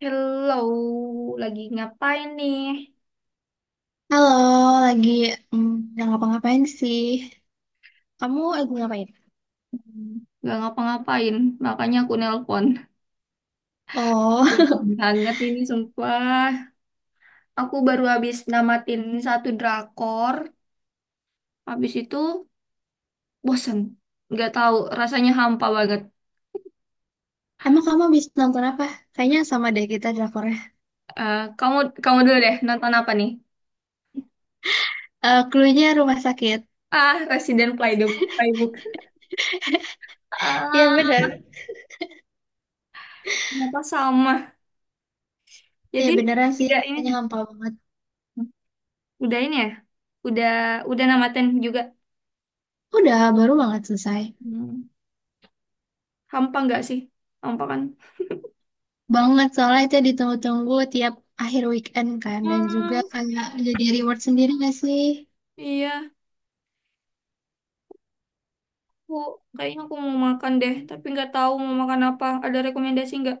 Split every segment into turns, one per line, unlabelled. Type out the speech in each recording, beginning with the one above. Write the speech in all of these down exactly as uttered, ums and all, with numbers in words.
Hello, lagi ngapain nih?
Halo, lagi mm, nggak ngapa-ngapain sih. Kamu lagi ngapain?
Hmm, Gak ngapa-ngapain, makanya aku nelpon.
Oh,
Dingin banget ini sumpah. Aku baru habis namatin satu drakor, habis itu bosen. Gak tahu, rasanya hampa banget.
emang kamu habis nonton apa? Kayaknya sama deh kita drakornya.
Eh, kamu kamu dulu deh, nonton apa nih?
Eh, clue-nya rumah sakit.
Ah, Resident Playbook. Playbook.
Iya
Ah,
bener.
ternyata sama.
Iya
Jadi
beneran sih,
udah ini,
kayaknya
sih,
hampa banget.
udah ini ya, udah udah namatin juga.
Udah, baru banget selesai.
Hmm. Hampa nggak sih? Hampa kan?
Banget, soalnya itu ditunggu-tunggu tiap akhir weekend kan. Dan juga
Hmm,
kayak jadi reward sendiri gak sih?
iya, aku kayaknya aku mau makan deh, tapi nggak tahu mau makan apa. Ada rekomendasi nggak?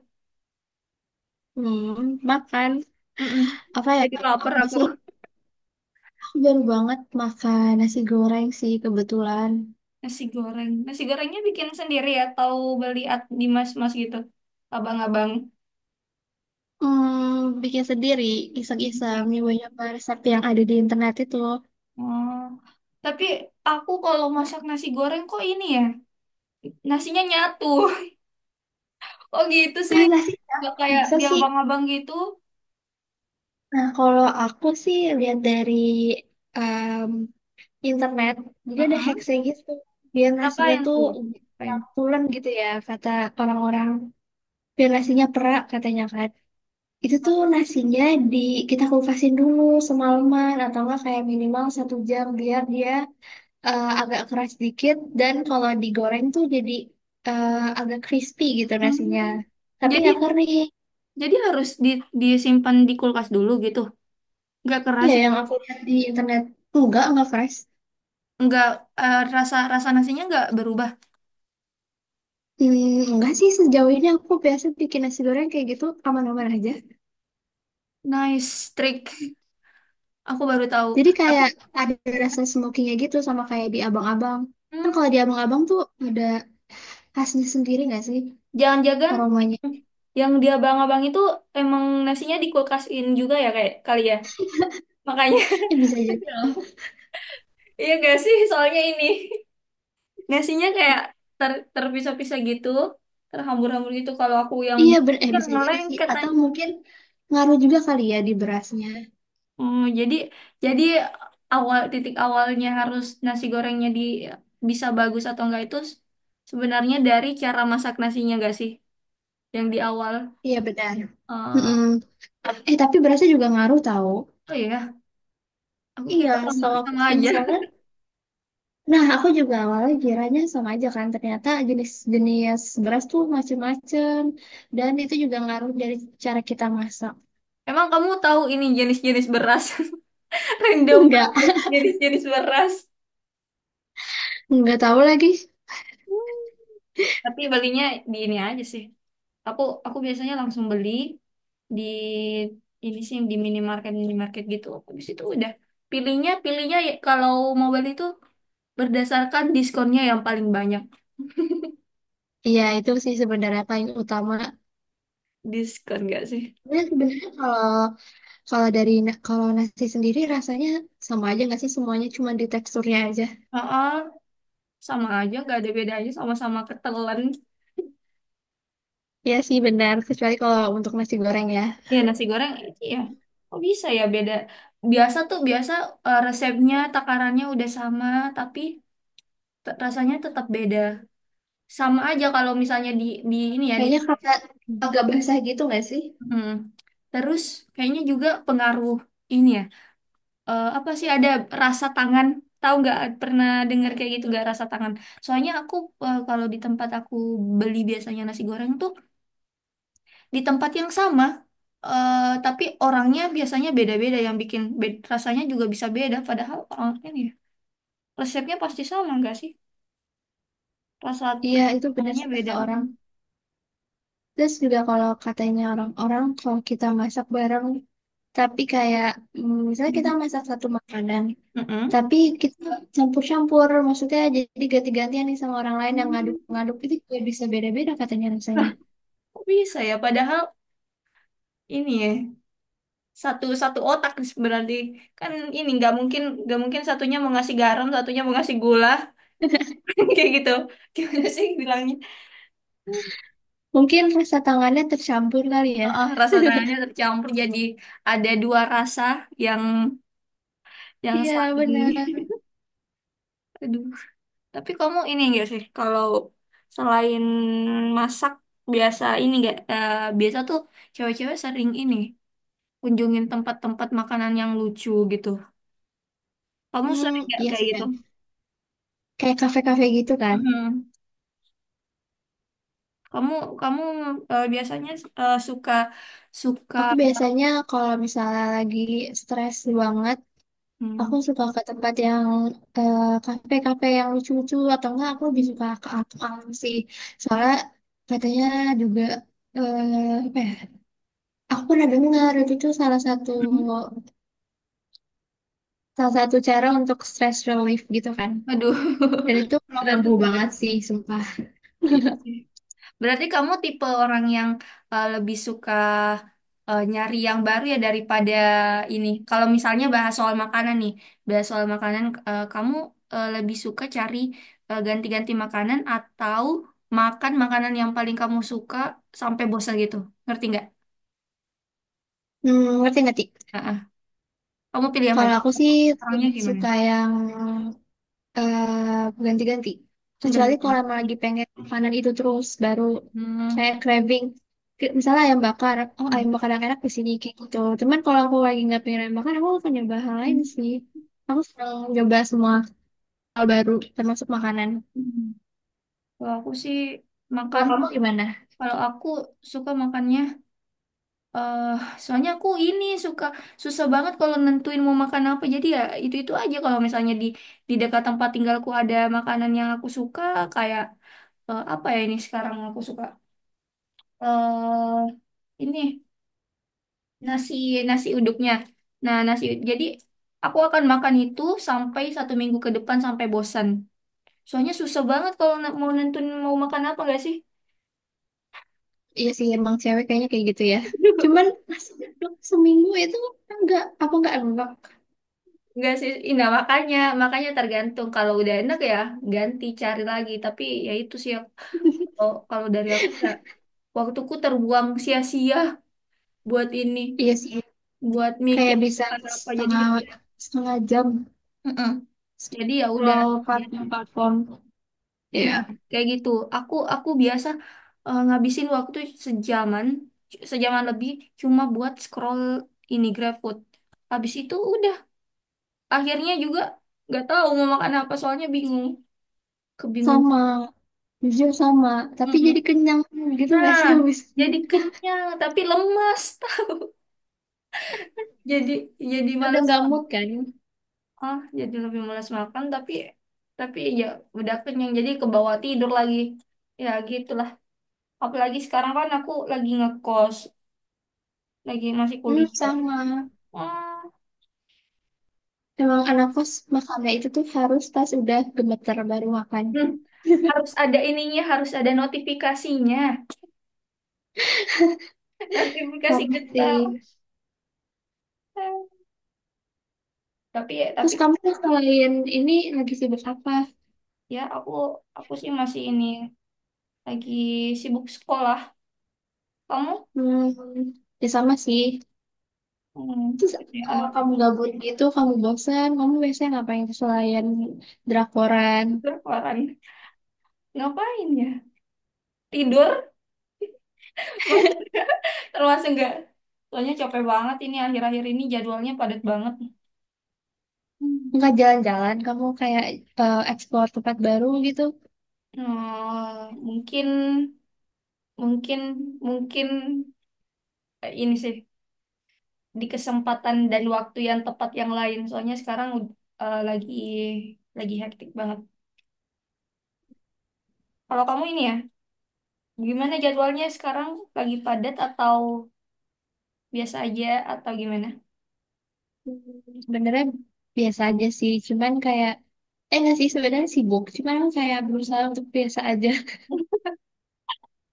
Hmm, makan.
Mm-mm.
Apa ya?
Jadi lapar
Apa
aku.
sih? Aku baru banget makan nasi goreng sih kebetulan.
Nasi goreng. Nasi gorengnya bikin sendiri atau beli at- di mas-mas gitu? Abang-abang.
Hmm, bikin sendiri, iseng-iseng,
Sendiri.
nyoba-nyoba resep yang ada di internet itu.
Oh, tapi aku kalau masak nasi goreng kok ini ya, nasinya nyatu. Oh gitu sih.
Masa sih, kenapa
Nggak
kok
kayak
bisa
di
sih?
abang-abang gitu.
Nah, kalau aku sih lihat dari em, internet, dia ada
Mm-mm.
hacksnya gitu. Biar nasinya
Ngapain
tuh
tuh? Ngapain?
pulen gitu ya, kata orang-orang. Biar nasinya perak katanya kan. Itu tuh nasinya di kita kupasin dulu semalaman atau enggak kayak minimal satu jam biar dia eh, agak keras dikit dan kalau digoreng tuh jadi eh, agak crispy gitu
Hmm.
nasinya. Tapi
Jadi
nggak kering.
Jadi harus di, disimpan di kulkas dulu gitu. Nggak keras,
Iya,
sih.
yang aku lihat di internet enggak nggak fresh.
Nggak eh, rasa rasa nasinya nggak berubah.
Hmm, enggak sih sejauh ini aku biasa bikin nasi goreng kayak gitu aman-aman aja.
Nice trick. Aku baru tahu.
Jadi
Tapi
kayak ada rasa smokinya gitu sama kayak di abang-abang. Kan
Hmm,
kalau di abang-abang tuh ada khasnya sendiri nggak sih
jangan-jangan
aromanya?
yang dia abang-abang itu emang nasinya di kulkasin juga ya kayak kali ya. Makanya
Eh, bisa jadi loh.
iya gak sih soalnya ini nasinya kayak ter terpisah-pisah gitu, terhambur-hambur gitu kalau aku yang
Iya,
bikin
ber eh
dia
bisa jadi sih.
ngelengket.
Atau mungkin ngaruh juga kali ya di berasnya.
Oh, jadi jadi awal titik awalnya harus nasi gorengnya di bisa bagus atau enggak itu s- sebenarnya dari cara masak nasinya enggak sih? Yang di awal.
Iya benar.
Eh,
Mm-mm. Eh tapi berasnya juga ngaruh tahu.
oh iya, aku
Iya,
kira sama
setahu aku
sama
sih
aja.
misalnya, nah aku juga awalnya kiranya sama aja kan, ternyata jenis-jenis beras tuh macem-macem, dan itu juga ngaruh dari cara kita masak.
Emang kamu tahu ini jenis-jenis beras? Random
Enggak,
banget jenis-jenis beras.
enggak tahu lagi.
Tapi belinya di ini aja sih. Aku aku biasanya langsung beli di ini sih yang di minimarket minimarket gitu. Habis itu udah pilihnya pilihnya ya kalau mau beli itu berdasarkan diskonnya yang paling banyak.
Iya itu sih sebenarnya paling utama.
Diskon gak sih?
Dan sebenarnya kalau kalau dari na- kalau nasi sendiri rasanya sama aja nggak sih semuanya, cuma di teksturnya aja.
Heeh, sama aja, gak ada bedanya sama-sama ketelan.
Iya sih benar, kecuali kalau untuk nasi goreng ya.
Ya nasi goreng, iya. Kok bisa ya beda? Biasa tuh, biasa eh, resepnya, takarannya udah sama, tapi te- rasanya tetap beda. Sama aja kalau misalnya di, di ini ya, di...
Kayaknya kayak agak basah gitu nggak sih?
Hmm. Terus kayaknya juga pengaruh ini ya, eh, apa sih, ada rasa tangan, tahu nggak pernah dengar kayak gitu nggak, rasa tangan. Soalnya aku, eh, kalau di tempat aku beli biasanya nasi goreng tuh di tempat yang sama, eh, tapi orangnya biasanya beda-beda yang bikin be- rasanya juga bisa beda, padahal orangnya nih resepnya pasti sama nggak sih, rasa
Iya, itu benar
tangannya
sih kata
beda.
orang. Terus juga kalau katanya orang-orang kalau kita masak bareng, tapi kayak mm, misalnya kita
Mm-mm.
masak satu makanan,
Mm-mm.
tapi kita campur-campur, maksudnya jadi ganti-gantian nih sama orang lain yang
Hmm.
ngaduk-ngaduk itu juga bisa beda-beda katanya
Nah,
rasanya.
kok bisa ya padahal ini ya satu satu otak, berarti kan ini nggak mungkin nggak mungkin satunya mau ngasih garam satunya mau ngasih gula, kayak gitu gimana sih bilangnya.
Mungkin rasa tangannya tercampur kali ya.
Heeh, rasa tangannya tercampur jadi ada dua rasa yang yang
Iya, benar.
saling. Aduh, tapi kamu ini enggak sih kalau selain masak biasa ini enggak, eh, biasa tuh cewek-cewek sering ini kunjungin tempat-tempat makanan yang lucu gitu, kamu
Hmm,
sering nggak
iya
kayak
sih
gitu?
kan. Kayak kafe-kafe gitu kan.
Mm-mm. Kamu kamu eh, biasanya eh, suka suka,
Aku biasanya kalau misalnya lagi stres banget.
hmm,
Aku suka ke tempat yang eh, kafe-kafe yang lucu-lucu atau enggak aku lebih suka ke alam sih. Soalnya katanya juga eh, apa ya? Aku pernah dengar itu tuh salah satu
hmm,
salah satu cara untuk stress relief gitu kan.
aduh.
Dan itu mengganggu banget
Berarti,
sih, sumpah.
iya sih. Berarti kamu tipe orang yang eh, lebih suka eh, nyari yang baru ya daripada ini. Kalau misalnya bahas soal makanan nih, bahas soal makanan, eh, kamu eh, lebih suka cari eh, ganti-ganti makanan atau makan makanan yang paling kamu suka sampai bosan gitu. Ngerti nggak?
Hmm, ngerti ngerti.
Heeh. Kamu pilih yang
Kalau
mana?
aku sih
Orangnya
lebih
gimana?
suka yang eh ganti-ganti. Kecuali kalau emang
Ganti-ganti.
lagi pengen makanan itu terus, baru
Hmm.
kayak craving. Kayak misalnya ayam bakar, oh ayam bakar yang enak di sini kayak gitu. Cuman kalau aku lagi nggak pengen ayam bakar, aku akan nyoba hal lain
Hmm.
sih. Aku senang nyoba semua hal baru, termasuk makanan.
Kalau aku sih
Kalau
makan,
kamu gimana?
kalau aku suka makannya, eh soalnya aku ini suka susah banget kalau nentuin mau makan apa. Jadi ya itu-itu aja kalau misalnya di di dekat tempat tinggalku ada makanan yang aku suka kayak, eh, apa ya, ini sekarang aku suka, eh ini nasi nasi uduknya. Nah, nasi ud- jadi aku akan makan itu sampai satu minggu ke depan sampai bosan. Soalnya susah banget kalau na- mau nentuin mau makan apa nggak sih?
Iya sih, emang cewek kayaknya kayak gitu ya. Cuman nasi uduk seminggu itu enggak, aku enggak enggak.
Nggak sih, ih, nah makanya, makanya tergantung. Kalau udah enak ya ganti cari lagi. Tapi ya itu sih yang- kalau kalau dari aku nggak. Waktuku terbuang sia-sia buat ini,
Iya sih,
buat mikir
kayak bisa
apa apa, jadi
setengah
ya udah.
setengah jam
Mm-mm. Jadi ya udah.
scroll platform-platform. Iya,
Nah kayak gitu. Aku aku biasa, eh, ngabisin waktu sejaman, sejaman lebih cuma buat scroll ini GrabFood. Habis itu udah. Akhirnya juga nggak tahu mau makan apa, soalnya bingung, kebingung.
sama, jujur sama. Tapi jadi
Mm.
kenyang gitu nggak
Nah,
sih habis ini?
jadi kenyang tapi lemas. jadi jadi
Udah
malas
nggak mood
makan.
kan?
Ah, jadi lebih malas makan, tapi tapi ya udah kenyang jadi kebawa tidur lagi, ya gitulah. Apalagi sekarang kan aku lagi ngekos, lagi masih
Hmm,
kuliah.
sama.
Ah,
Emang anak kos makannya itu tuh harus pas udah gemeter baru makan.
hmm, harus ada ininya, harus ada notifikasinya. Notifikasi
Parah
getah.
sih.
Tapi tapi
Terus kamu tuh selain ini lagi sibuk apa?
ya aku aku sih masih ini lagi sibuk sekolah. Kamu,
Hmm, ya sama sih.
hmm,
Terus
ini
kalau
anak
kamu gabut gitu, kamu bosan, kamu biasanya ngapain selain drakoran?
berkeluaran. Ngapain ya? Tidur? Maksudnya termasuk enggak? Soalnya capek banget ini akhir-akhir ini jadwalnya padat banget. Hmm.
Enggak jalan-jalan, kamu kayak eh, explore tempat baru gitu.
Hmm, mungkin mungkin mungkin eh, ini sih di kesempatan dan waktu yang tepat yang lain. Soalnya sekarang ud- eh, lagi lagi hektik banget. Kalau kamu ini ya, gimana jadwalnya sekarang? Lagi padat atau biasa aja atau gimana?
Hmm, sebenarnya biasa aja sih, cuman kayak eh nggak sih sebenarnya sibuk, cuman kayak berusaha untuk biasa aja,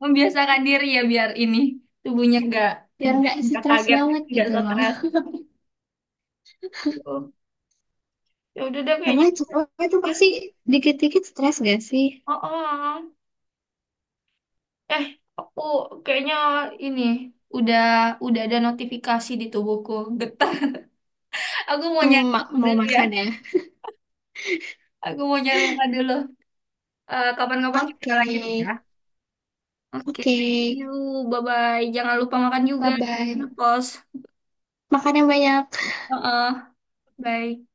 Membiasakan diri ya biar ini tubuhnya nggak
biar nggak
nggak
stres
kaget,
banget
nggak
gitu loh.
stres. Gitu. Ya udah deh kayaknya.
Karena cowok itu
Ya.
pasti dikit-dikit stres gak sih?
Oh, oh. Eh, aku kayaknya ini udah udah ada notifikasi di tubuhku. Getah. Aku mau
Hmm,
nyari
ma-
dulu
mau
ya.
makan ya?
Aku mau nyari makan dulu. Eh, kapan-kapan kita
Oke,
lanjut ya. Oke,
oke,
thank you. Bye-bye. Jangan lupa makan juga.
bye
Ya,
bye.
kos.
Makan yang banyak.
Oh, oh. Bye.